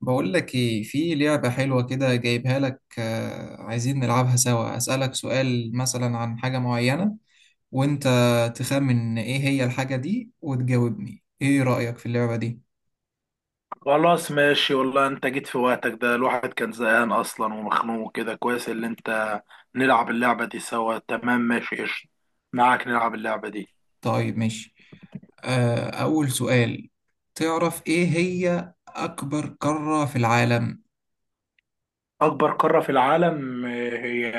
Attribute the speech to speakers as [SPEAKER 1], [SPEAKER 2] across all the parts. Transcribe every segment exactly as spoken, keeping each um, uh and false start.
[SPEAKER 1] بقول لك ايه في لعبة حلوة كده جايبها لك، آه، عايزين نلعبها سوا. أسألك سؤال مثلا عن حاجة معينة وانت تخمن ايه هي الحاجة دي، وتجاوبني ايه رأيك في اللعبة دي.
[SPEAKER 2] خلاص، ماشي، والله انت جيت في وقتك. ده الواحد كان زهقان اصلا ومخنوق كده. كويس اللي انت نلعب اللعبة دي سوا. تمام، ماشي، قشطة. معاك نلعب اللعبة دي.
[SPEAKER 1] طيب ماشي. آه، أول سؤال، تعرف ايه هي أكبر قارة في العالم؟
[SPEAKER 2] اكبر قارة في العالم آه، هي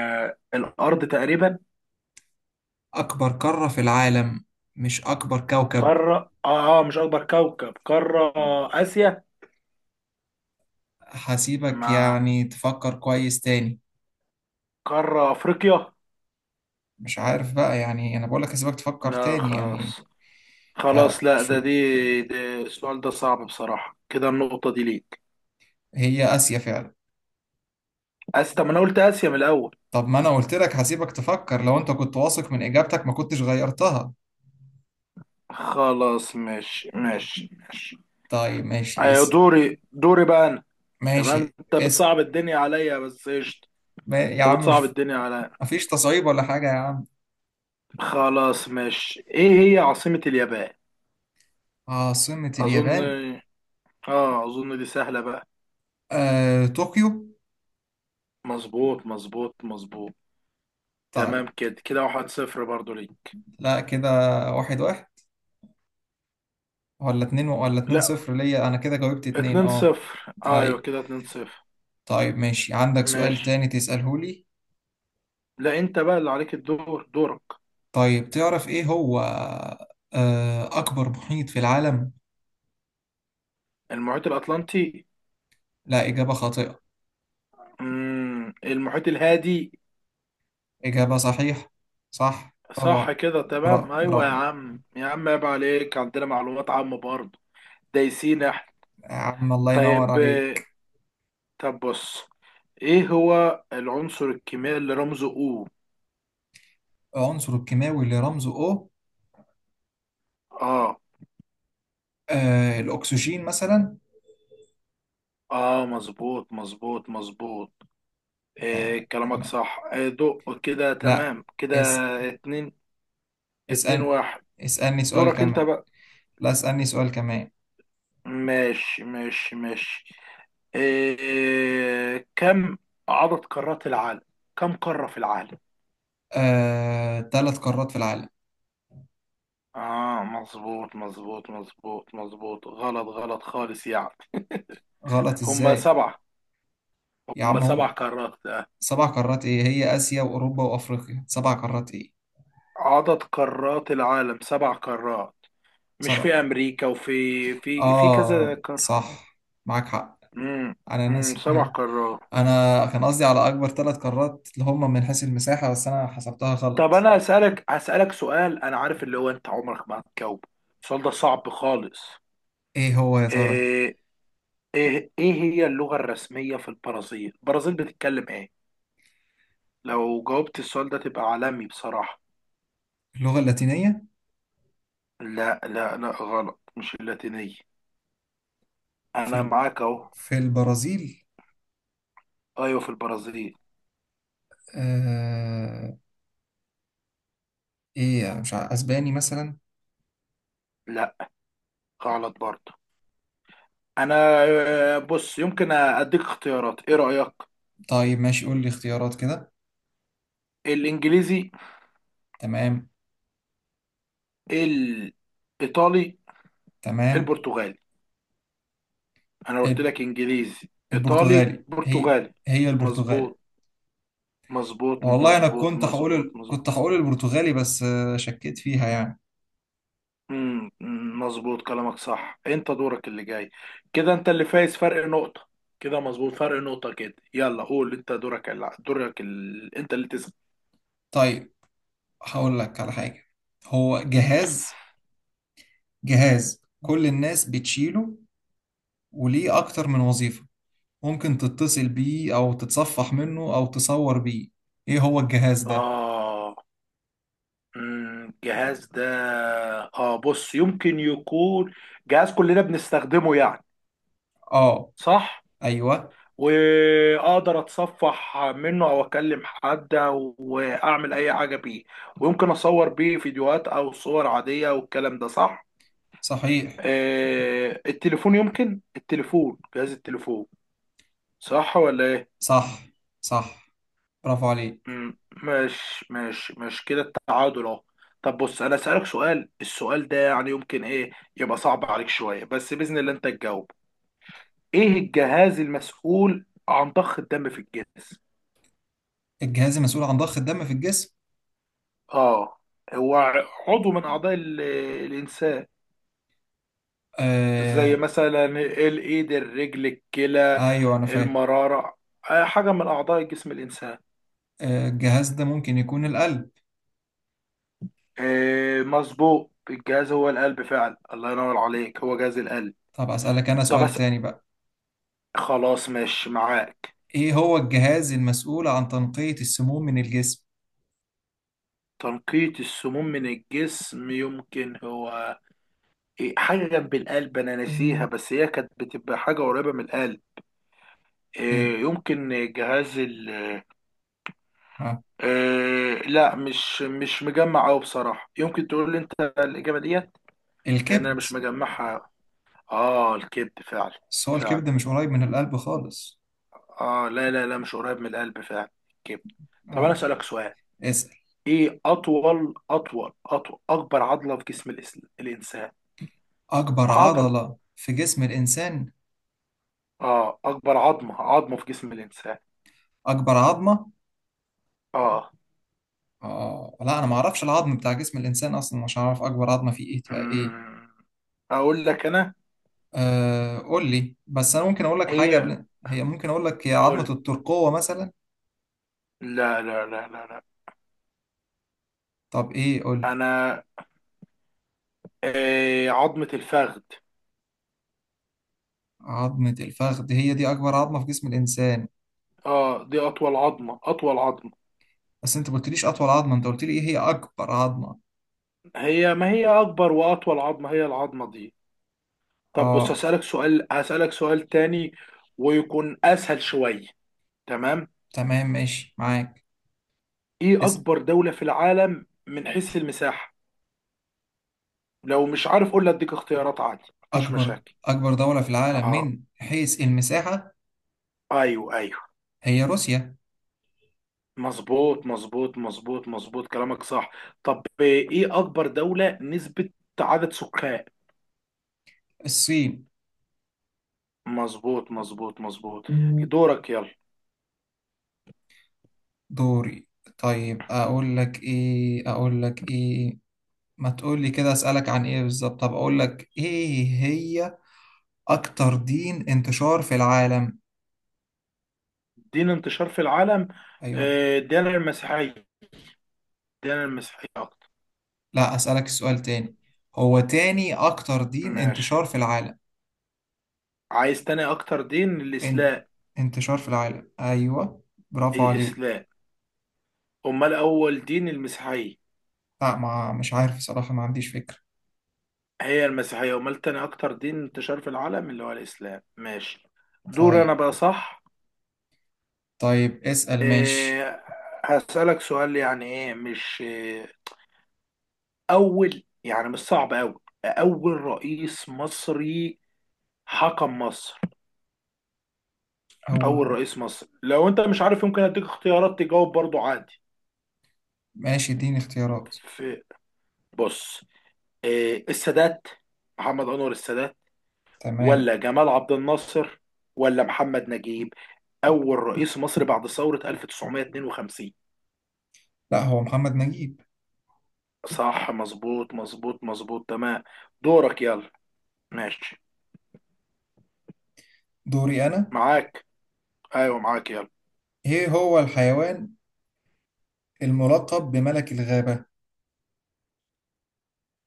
[SPEAKER 2] الارض تقريبا.
[SPEAKER 1] أكبر قارة في العالم، مش أكبر كوكب.
[SPEAKER 2] قارة، اه اه مش اكبر كوكب، قارة. اسيا.
[SPEAKER 1] هسيبك
[SPEAKER 2] مع
[SPEAKER 1] يعني تفكر كويس تاني.
[SPEAKER 2] قارة افريقيا.
[SPEAKER 1] مش عارف بقى، يعني انا بقولك هسيبك تفكر
[SPEAKER 2] لا،
[SPEAKER 1] تاني يعني.
[SPEAKER 2] خلاص خلاص، لا ده
[SPEAKER 1] فشو.
[SPEAKER 2] دي, دي السؤال ده صعب بصراحة كده. النقطة دي ليك.
[SPEAKER 1] هي آسيا فعلا.
[SPEAKER 2] اسيا. طب ما انا قلت اسيا من الاول.
[SPEAKER 1] طب ما انا قلت لك هسيبك تفكر، لو انت كنت واثق من اجابتك ما كنتش غيرتها.
[SPEAKER 2] خلاص، ماشي ماشي ماشي.
[SPEAKER 1] طيب ماشي.
[SPEAKER 2] أيوة،
[SPEAKER 1] اس
[SPEAKER 2] دوري دوري بقى أنا.
[SPEAKER 1] ماشي.
[SPEAKER 2] تمام، أنت
[SPEAKER 1] اس
[SPEAKER 2] بتصعب الدنيا عليا بس قشطة.
[SPEAKER 1] ما يا
[SPEAKER 2] أنت
[SPEAKER 1] عم،
[SPEAKER 2] بتصعب
[SPEAKER 1] مش
[SPEAKER 2] الدنيا عليا.
[SPEAKER 1] مفيش تصعيب ولا حاجة يا عم.
[SPEAKER 2] خلاص ماشي. إيه هي عاصمة اليابان؟
[SPEAKER 1] عاصمة
[SPEAKER 2] أظن.
[SPEAKER 1] اليابان.
[SPEAKER 2] آه أظن دي سهلة بقى.
[SPEAKER 1] آه... طوكيو.
[SPEAKER 2] مظبوط مظبوط مظبوط.
[SPEAKER 1] طيب،
[SPEAKER 2] تمام كده، كده واحد صفر برضه ليك.
[SPEAKER 1] لا كده، واحد واحد ولا اتنين ولا اتنين
[SPEAKER 2] لا،
[SPEAKER 1] صفر ليا، انا كده جاوبت اتنين
[SPEAKER 2] اتنين
[SPEAKER 1] اه.
[SPEAKER 2] صفر، أيوة
[SPEAKER 1] اي،
[SPEAKER 2] كده اتنين صفر.
[SPEAKER 1] طيب ماشي، عندك سؤال
[SPEAKER 2] ماشي.
[SPEAKER 1] تاني تسأله لي.
[SPEAKER 2] لا، أنت بقى اللي عليك الدور، دورك.
[SPEAKER 1] طيب تعرف ايه هو آه... اكبر محيط في العالم.
[SPEAKER 2] المحيط الأطلنطي.
[SPEAKER 1] لا، إجابة خاطئة.
[SPEAKER 2] مم. المحيط الهادي.
[SPEAKER 1] إجابة صحيحة، صح،
[SPEAKER 2] صح
[SPEAKER 1] برافو.
[SPEAKER 2] كده تمام.
[SPEAKER 1] برا-
[SPEAKER 2] ايوه يا
[SPEAKER 1] برافو.
[SPEAKER 2] عم يا عم، عيب عليك، عندنا معلومات عامة برضه. دايسين احنا.
[SPEAKER 1] يا عم الله ينور
[SPEAKER 2] طيب، آه،
[SPEAKER 1] عليك.
[SPEAKER 2] طب بص، ايه هو العنصر الكيميائي اللي رمزه او؟
[SPEAKER 1] العنصر الكيماوي اللي رمزه O.
[SPEAKER 2] اه
[SPEAKER 1] آه الأكسجين مثلا.
[SPEAKER 2] اه مظبوط مظبوط مظبوط.
[SPEAKER 1] تا-
[SPEAKER 2] إيه كلامك
[SPEAKER 1] تمام.
[SPEAKER 2] صح، إيه دق كده
[SPEAKER 1] لا.
[SPEAKER 2] تمام كده.
[SPEAKER 1] اس
[SPEAKER 2] اتنين، اتنين
[SPEAKER 1] اسأل.
[SPEAKER 2] واحد.
[SPEAKER 1] اسألني سؤال
[SPEAKER 2] دورك انت
[SPEAKER 1] كمان.
[SPEAKER 2] بقى.
[SPEAKER 1] لا، اسألني سؤال كمان.
[SPEAKER 2] ماشي ماشي ماشي. إيه، كم عدد قارات العالم؟ كم قارة في العالم؟
[SPEAKER 1] آه ثلاث قارات في العالم.
[SPEAKER 2] اه مظبوط مظبوط مظبوط مظبوط، غلط غلط خالص يعني.
[SPEAKER 1] غلط
[SPEAKER 2] هم
[SPEAKER 1] إزاي.
[SPEAKER 2] سبعة،
[SPEAKER 1] يا
[SPEAKER 2] هم
[SPEAKER 1] عم
[SPEAKER 2] سبع
[SPEAKER 1] هم
[SPEAKER 2] قارات آه.
[SPEAKER 1] سبع قارات. إيه هي؟ آسيا وأوروبا وأفريقيا، سبع قارات إيه.
[SPEAKER 2] عدد قارات العالم سبع قارات. مش في
[SPEAKER 1] سبع.
[SPEAKER 2] أمريكا وفي في في كذا
[SPEAKER 1] آه،
[SPEAKER 2] قارة.
[SPEAKER 1] صح، معاك حق.
[SPEAKER 2] امم
[SPEAKER 1] أنا
[SPEAKER 2] امم
[SPEAKER 1] ناسي،
[SPEAKER 2] سبع
[SPEAKER 1] ها.
[SPEAKER 2] قارات.
[SPEAKER 1] انا كان قصدي على اكبر ثلاث قارات اللي هم من حيث المساحة، بس انا حسبتها
[SPEAKER 2] طب
[SPEAKER 1] غلط.
[SPEAKER 2] أنا هسألك هسألك سؤال. أنا عارف اللي هو أنت عمرك ما هتجاوبه. السؤال ده صعب خالص.
[SPEAKER 1] ايه هو يا ترى؟
[SPEAKER 2] إيه إيه إيه هي اللغة الرسمية في البرازيل؟ البرازيل بتتكلم إيه؟ لو جاوبت السؤال ده تبقى عالمي بصراحة.
[SPEAKER 1] اللغة اللاتينية.
[SPEAKER 2] لا لا لا، غلط، مش اللاتينية.
[SPEAKER 1] في
[SPEAKER 2] أنا
[SPEAKER 1] ال...
[SPEAKER 2] معاك أهو.
[SPEAKER 1] في البرازيل.
[SPEAKER 2] أيوة في البرازيل.
[SPEAKER 1] آه... ايه يعني، مش عارف، اسباني مثلا.
[SPEAKER 2] لا، غلط برضه. أنا، آه، بص، يمكن أديك اختيارات، إيه رأيك؟
[SPEAKER 1] طيب ماشي، قول لي اختيارات كده.
[SPEAKER 2] الإنجليزي،
[SPEAKER 1] تمام.
[SPEAKER 2] الإيطالي،
[SPEAKER 1] تمام.
[SPEAKER 2] البرتغالي. أنا قلت
[SPEAKER 1] ال-
[SPEAKER 2] لك إنجليزي إيطالي
[SPEAKER 1] البرتغالي، هي
[SPEAKER 2] برتغالي.
[SPEAKER 1] هي البرتغالي.
[SPEAKER 2] مظبوط مظبوط
[SPEAKER 1] والله انا
[SPEAKER 2] مظبوط
[SPEAKER 1] كنت هقول
[SPEAKER 2] مظبوط
[SPEAKER 1] ال...
[SPEAKER 2] مظبوط.
[SPEAKER 1] كنت هقول البرتغالي، بس آه، شكيت فيها يعني.
[SPEAKER 2] امم، أمم، مظبوط كلامك صح، انت دورك اللي جاي. كده انت اللي فايز، فرق نقطة. كده مظبوط، فرق نقطة كده. يلا قول، انت دورك اللي... دورك اللي... انت اللي تسأل.
[SPEAKER 1] طيب، هقول لك على حاجة. هو جهاز، جهاز كل الناس بتشيله، وليه أكتر من وظيفة. ممكن تتصل بيه أو تتصفح منه أو تصور بيه. إيه هو الجهاز ده؟
[SPEAKER 2] اه أمم، الجهاز ده، اه بص يمكن يكون جهاز كلنا بنستخدمه يعني.
[SPEAKER 1] آه،
[SPEAKER 2] صح.
[SPEAKER 1] أيوه،
[SPEAKER 2] واقدر اتصفح منه او اكلم حد واعمل اي حاجة بيه. ويمكن اصور بيه فيديوهات او صور عادية والكلام ده صح.
[SPEAKER 1] صحيح.
[SPEAKER 2] آه التليفون، يمكن التليفون، جهاز التليفون، صح ولا ايه؟
[SPEAKER 1] صح، صح، برافو عليك.
[SPEAKER 2] مم، ماشي ماشي ماشي، كده التعادل اهو. طب بص، انا اسالك سؤال، السؤال ده يعني يمكن ايه يبقى صعب عليك شويه، بس باذن الله انت تجاوب. ايه الجهاز المسؤول عن ضخ الدم في الجسم؟
[SPEAKER 1] الجهاز المسؤول عن ضخ الدم في الجسم.
[SPEAKER 2] اه هو عضو من اعضاء ال- الانسان. زي
[SPEAKER 1] آه،
[SPEAKER 2] مثلا الايد، الرجل، الكلى،
[SPEAKER 1] أيوه، أنا فاهم.
[SPEAKER 2] المراره، آه، حاجه من اعضاء جسم الانسان.
[SPEAKER 1] آه الجهاز ده ممكن يكون القلب.
[SPEAKER 2] إيه مظبوط، الجهاز هو القلب فعلا. الله ينور عليك، هو جهاز القلب.
[SPEAKER 1] طب أسألك أنا
[SPEAKER 2] طب
[SPEAKER 1] سؤال
[SPEAKER 2] بس،
[SPEAKER 1] تاني بقى.
[SPEAKER 2] خلاص ماشي معاك.
[SPEAKER 1] إيه هو الجهاز المسؤول عن تنقية السموم من الجسم؟
[SPEAKER 2] تنقية السموم من الجسم، يمكن هو إيه حاجة جنب القلب أنا ناسيها، بس هي كانت بتبقى حاجة قريبة من القلب.
[SPEAKER 1] إيه؟
[SPEAKER 2] إيه، يمكن جهاز ال،
[SPEAKER 1] ها.
[SPEAKER 2] إيه لا، مش مش مجمع أوي بصراحة، يمكن تقول لي أنت الإجابة ديت. لأن أنا
[SPEAKER 1] الكبد.
[SPEAKER 2] مش مجمعها. آه الكبد فعلا.
[SPEAKER 1] بس هو
[SPEAKER 2] فعلا.
[SPEAKER 1] الكبد مش قريب من القلب خالص.
[SPEAKER 2] اه لا لا لا، مش قريب من القلب فعلا. الكبد. طب انا
[SPEAKER 1] آه،
[SPEAKER 2] اسالك سؤال.
[SPEAKER 1] اسأل.
[SPEAKER 2] ايه اطول اطول اطول اكبر عضله في جسم الإس- الانسان.
[SPEAKER 1] أكبر
[SPEAKER 2] عضل،
[SPEAKER 1] عضلة في جسم الإنسان.
[SPEAKER 2] اه اكبر عظمه عظمه في جسم الانسان.
[SPEAKER 1] أكبر عظمة.
[SPEAKER 2] اه
[SPEAKER 1] آه، لا، أنا ما أعرفش العظم بتاع جسم الإنسان أصلا، مش هعرف أكبر عظمة فيه إيه تبقى إيه.
[SPEAKER 2] مم. اقول لك انا.
[SPEAKER 1] آه، قول لي. بس أنا ممكن أقول لك حاجة
[SPEAKER 2] ايه
[SPEAKER 1] قبل، هي ممكن أقول لك، هي عظمة
[SPEAKER 2] قول.
[SPEAKER 1] الترقوة مثلا.
[SPEAKER 2] لا لا لا لا لا.
[SPEAKER 1] طب إيه، قول لي.
[SPEAKER 2] انا، إيه عظمه الفخذ.
[SPEAKER 1] عظمة الفخذ هي دي أكبر عظمة في جسم الإنسان؟
[SPEAKER 2] اه دي اطول عظمه، اطول عظمه.
[SPEAKER 1] بس أنت ما قلتليش أطول عظمة، أنت قلت لي إيه هي أكبر عظمة.
[SPEAKER 2] هي ما هي اكبر واطول عظمه هي العظمه دي. طب بص
[SPEAKER 1] آه،
[SPEAKER 2] هسألك سؤال، هسألك سؤال تاني، ويكون أسهل شوية. تمام.
[SPEAKER 1] تمام ماشي معاك.
[SPEAKER 2] إيه
[SPEAKER 1] اسم.
[SPEAKER 2] أكبر دولة في العالم من حيث المساحة؟ لو مش عارف قول لي، أديك اختيارات عادي، مفيش
[SPEAKER 1] أكبر
[SPEAKER 2] مشاكل.
[SPEAKER 1] أكبر دولة في العالم
[SPEAKER 2] آه،
[SPEAKER 1] من حيث المساحة.
[SPEAKER 2] أيوه أيوه.
[SPEAKER 1] هي روسيا.
[SPEAKER 2] مظبوط مظبوط مظبوط مظبوط كلامك صح. طب إيه أكبر دولة نسبة عدد سكان؟
[SPEAKER 1] الصين.
[SPEAKER 2] مظبوط مظبوط مظبوط. دورك يلا.
[SPEAKER 1] دوري. طيب اقول لك ايه اقول لك ايه ما تقول لي كده اسالك عن ايه بالظبط. طب اقول لك ايه هي اكتر دين انتشار في العالم.
[SPEAKER 2] دين انتشار في العالم.
[SPEAKER 1] ايوه.
[SPEAKER 2] آه، دين المسيحية، دين المسيحية أكتر.
[SPEAKER 1] لا، اسالك السؤال تاني، هو تاني اكتر دين
[SPEAKER 2] ماشي.
[SPEAKER 1] انتشار في العالم.
[SPEAKER 2] عايز تاني اكتر دين؟
[SPEAKER 1] ان...
[SPEAKER 2] الاسلام.
[SPEAKER 1] انتشار في العالم، ايوه، برافو عليك.
[SPEAKER 2] الاسلام، امال اول دين المسيحيه.
[SPEAKER 1] لا، ما مش عارف صراحة، ما عنديش فكرة.
[SPEAKER 2] هي المسيحيه، امال تاني اكتر دين انتشار في العالم اللي هو الاسلام. ماشي. دور انا
[SPEAKER 1] طيب.
[SPEAKER 2] بقى، صح.
[SPEAKER 1] طيب، اسال ماشي.
[SPEAKER 2] إيه، هسألك سؤال يعني، ايه مش إيه، اول، يعني مش صعب اوي، اول رئيس مصري حكم مصر. اول
[SPEAKER 1] هو.
[SPEAKER 2] رئيس مصر، لو انت مش عارف يمكن اديك اختيارات تجاوب برضو عادي.
[SPEAKER 1] ماشي، اديني اختيارات.
[SPEAKER 2] في، بص، إيه، السادات، محمد انور السادات،
[SPEAKER 1] تمام.
[SPEAKER 2] ولا جمال عبد الناصر، ولا محمد نجيب؟ أول رئيس مصر بعد ثورة ألف وتسعمائة واثنين وخمسين.
[SPEAKER 1] لا، هو محمد نجيب.
[SPEAKER 2] صح مظبوط مظبوط مظبوط، تمام. دورك يلا. ماشي
[SPEAKER 1] دوري انا.
[SPEAKER 2] معاك. أيوه معاك يلا.
[SPEAKER 1] ايه هو الحيوان الملقب بملك الغابة.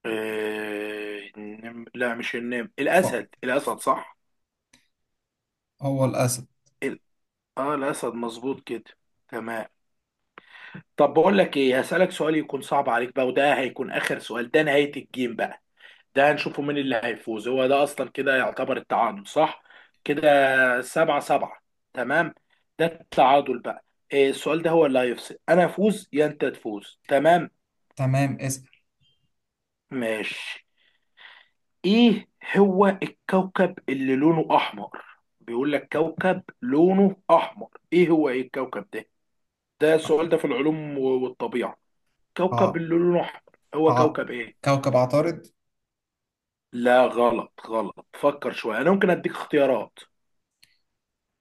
[SPEAKER 2] إيه، النم- لا مش النمر،
[SPEAKER 1] ف
[SPEAKER 2] الأسد، الأسد صح.
[SPEAKER 1] هو الأسد.
[SPEAKER 2] ال... آه الأسد، مظبوط كده. تمام. طب بقول لك إيه، هسألك سؤال يكون صعب عليك بقى، وده هيكون آخر سؤال، ده نهاية الجيم بقى. ده هنشوفه مين اللي هيفوز. هو ده اصلا كده يعتبر التعادل، صح كده، سبعة سبعة، تمام. ده التعادل بقى. إيه السؤال ده هو اللي هيفصل، انا افوز يا انت تفوز. تمام.
[SPEAKER 1] تمام، اسأل.
[SPEAKER 2] ماشي. ايه هو الكوكب اللي لونه احمر؟ بيقول لك كوكب لونه احمر، ايه هو، ايه الكوكب ده؟ ده السؤال ده في العلوم و- والطبيعة. كوكب
[SPEAKER 1] ع
[SPEAKER 2] اللي لونه احمر، هو
[SPEAKER 1] ع
[SPEAKER 2] كوكب ايه؟
[SPEAKER 1] كوكب عطارد.
[SPEAKER 2] لا غلط، غلط، فكر شوية، انا ممكن اديك اختيارات.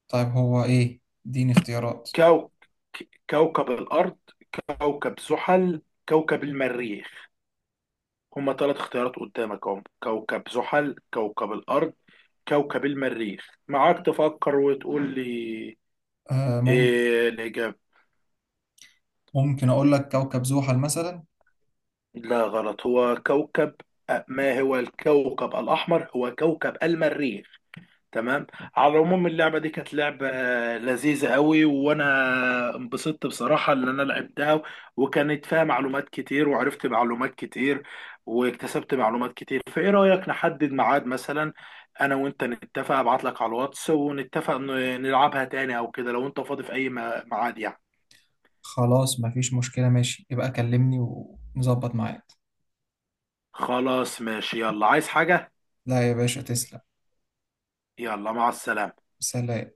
[SPEAKER 1] طيب، هو ايه؟ اديني اختيارات.
[SPEAKER 2] كو... ك- كوكب الأرض، كوكب زحل، كوكب المريخ. هما ثلاث اختيارات قدامك اهم، كوكب زحل، كوكب الأرض، كوكب المريخ، معاك تفكر وتقول لي
[SPEAKER 1] آه، ممكن.
[SPEAKER 2] إيه الإجابة.
[SPEAKER 1] ممكن اقول لك كوكب زحل مثلا.
[SPEAKER 2] لا غلط، هو كوكب، ما هو الكوكب الأحمر هو كوكب المريخ. تمام. على العموم اللعبة دي كانت لعبة لذيذة قوي، وانا انبسطت بصراحة ان انا لعبتها. وكانت فيها معلومات كتير، وعرفت معلومات كتير، واكتسبت معلومات كتير. فايه رأيك نحدد ميعاد مثلا، انا وانت نتفق، ابعت لك على الواتس ونتفق ن- نلعبها تاني او كده، لو انت فاضي في اي م- ميعاد يعني.
[SPEAKER 1] خلاص، مفيش مشكلة، ماشي، يبقى كلمني ونظبط معاك.
[SPEAKER 2] خلاص ماشي، يلا عايز حاجة؟
[SPEAKER 1] لا يا باشا، تسلم.
[SPEAKER 2] يلا، مع السلامة.
[SPEAKER 1] سلام.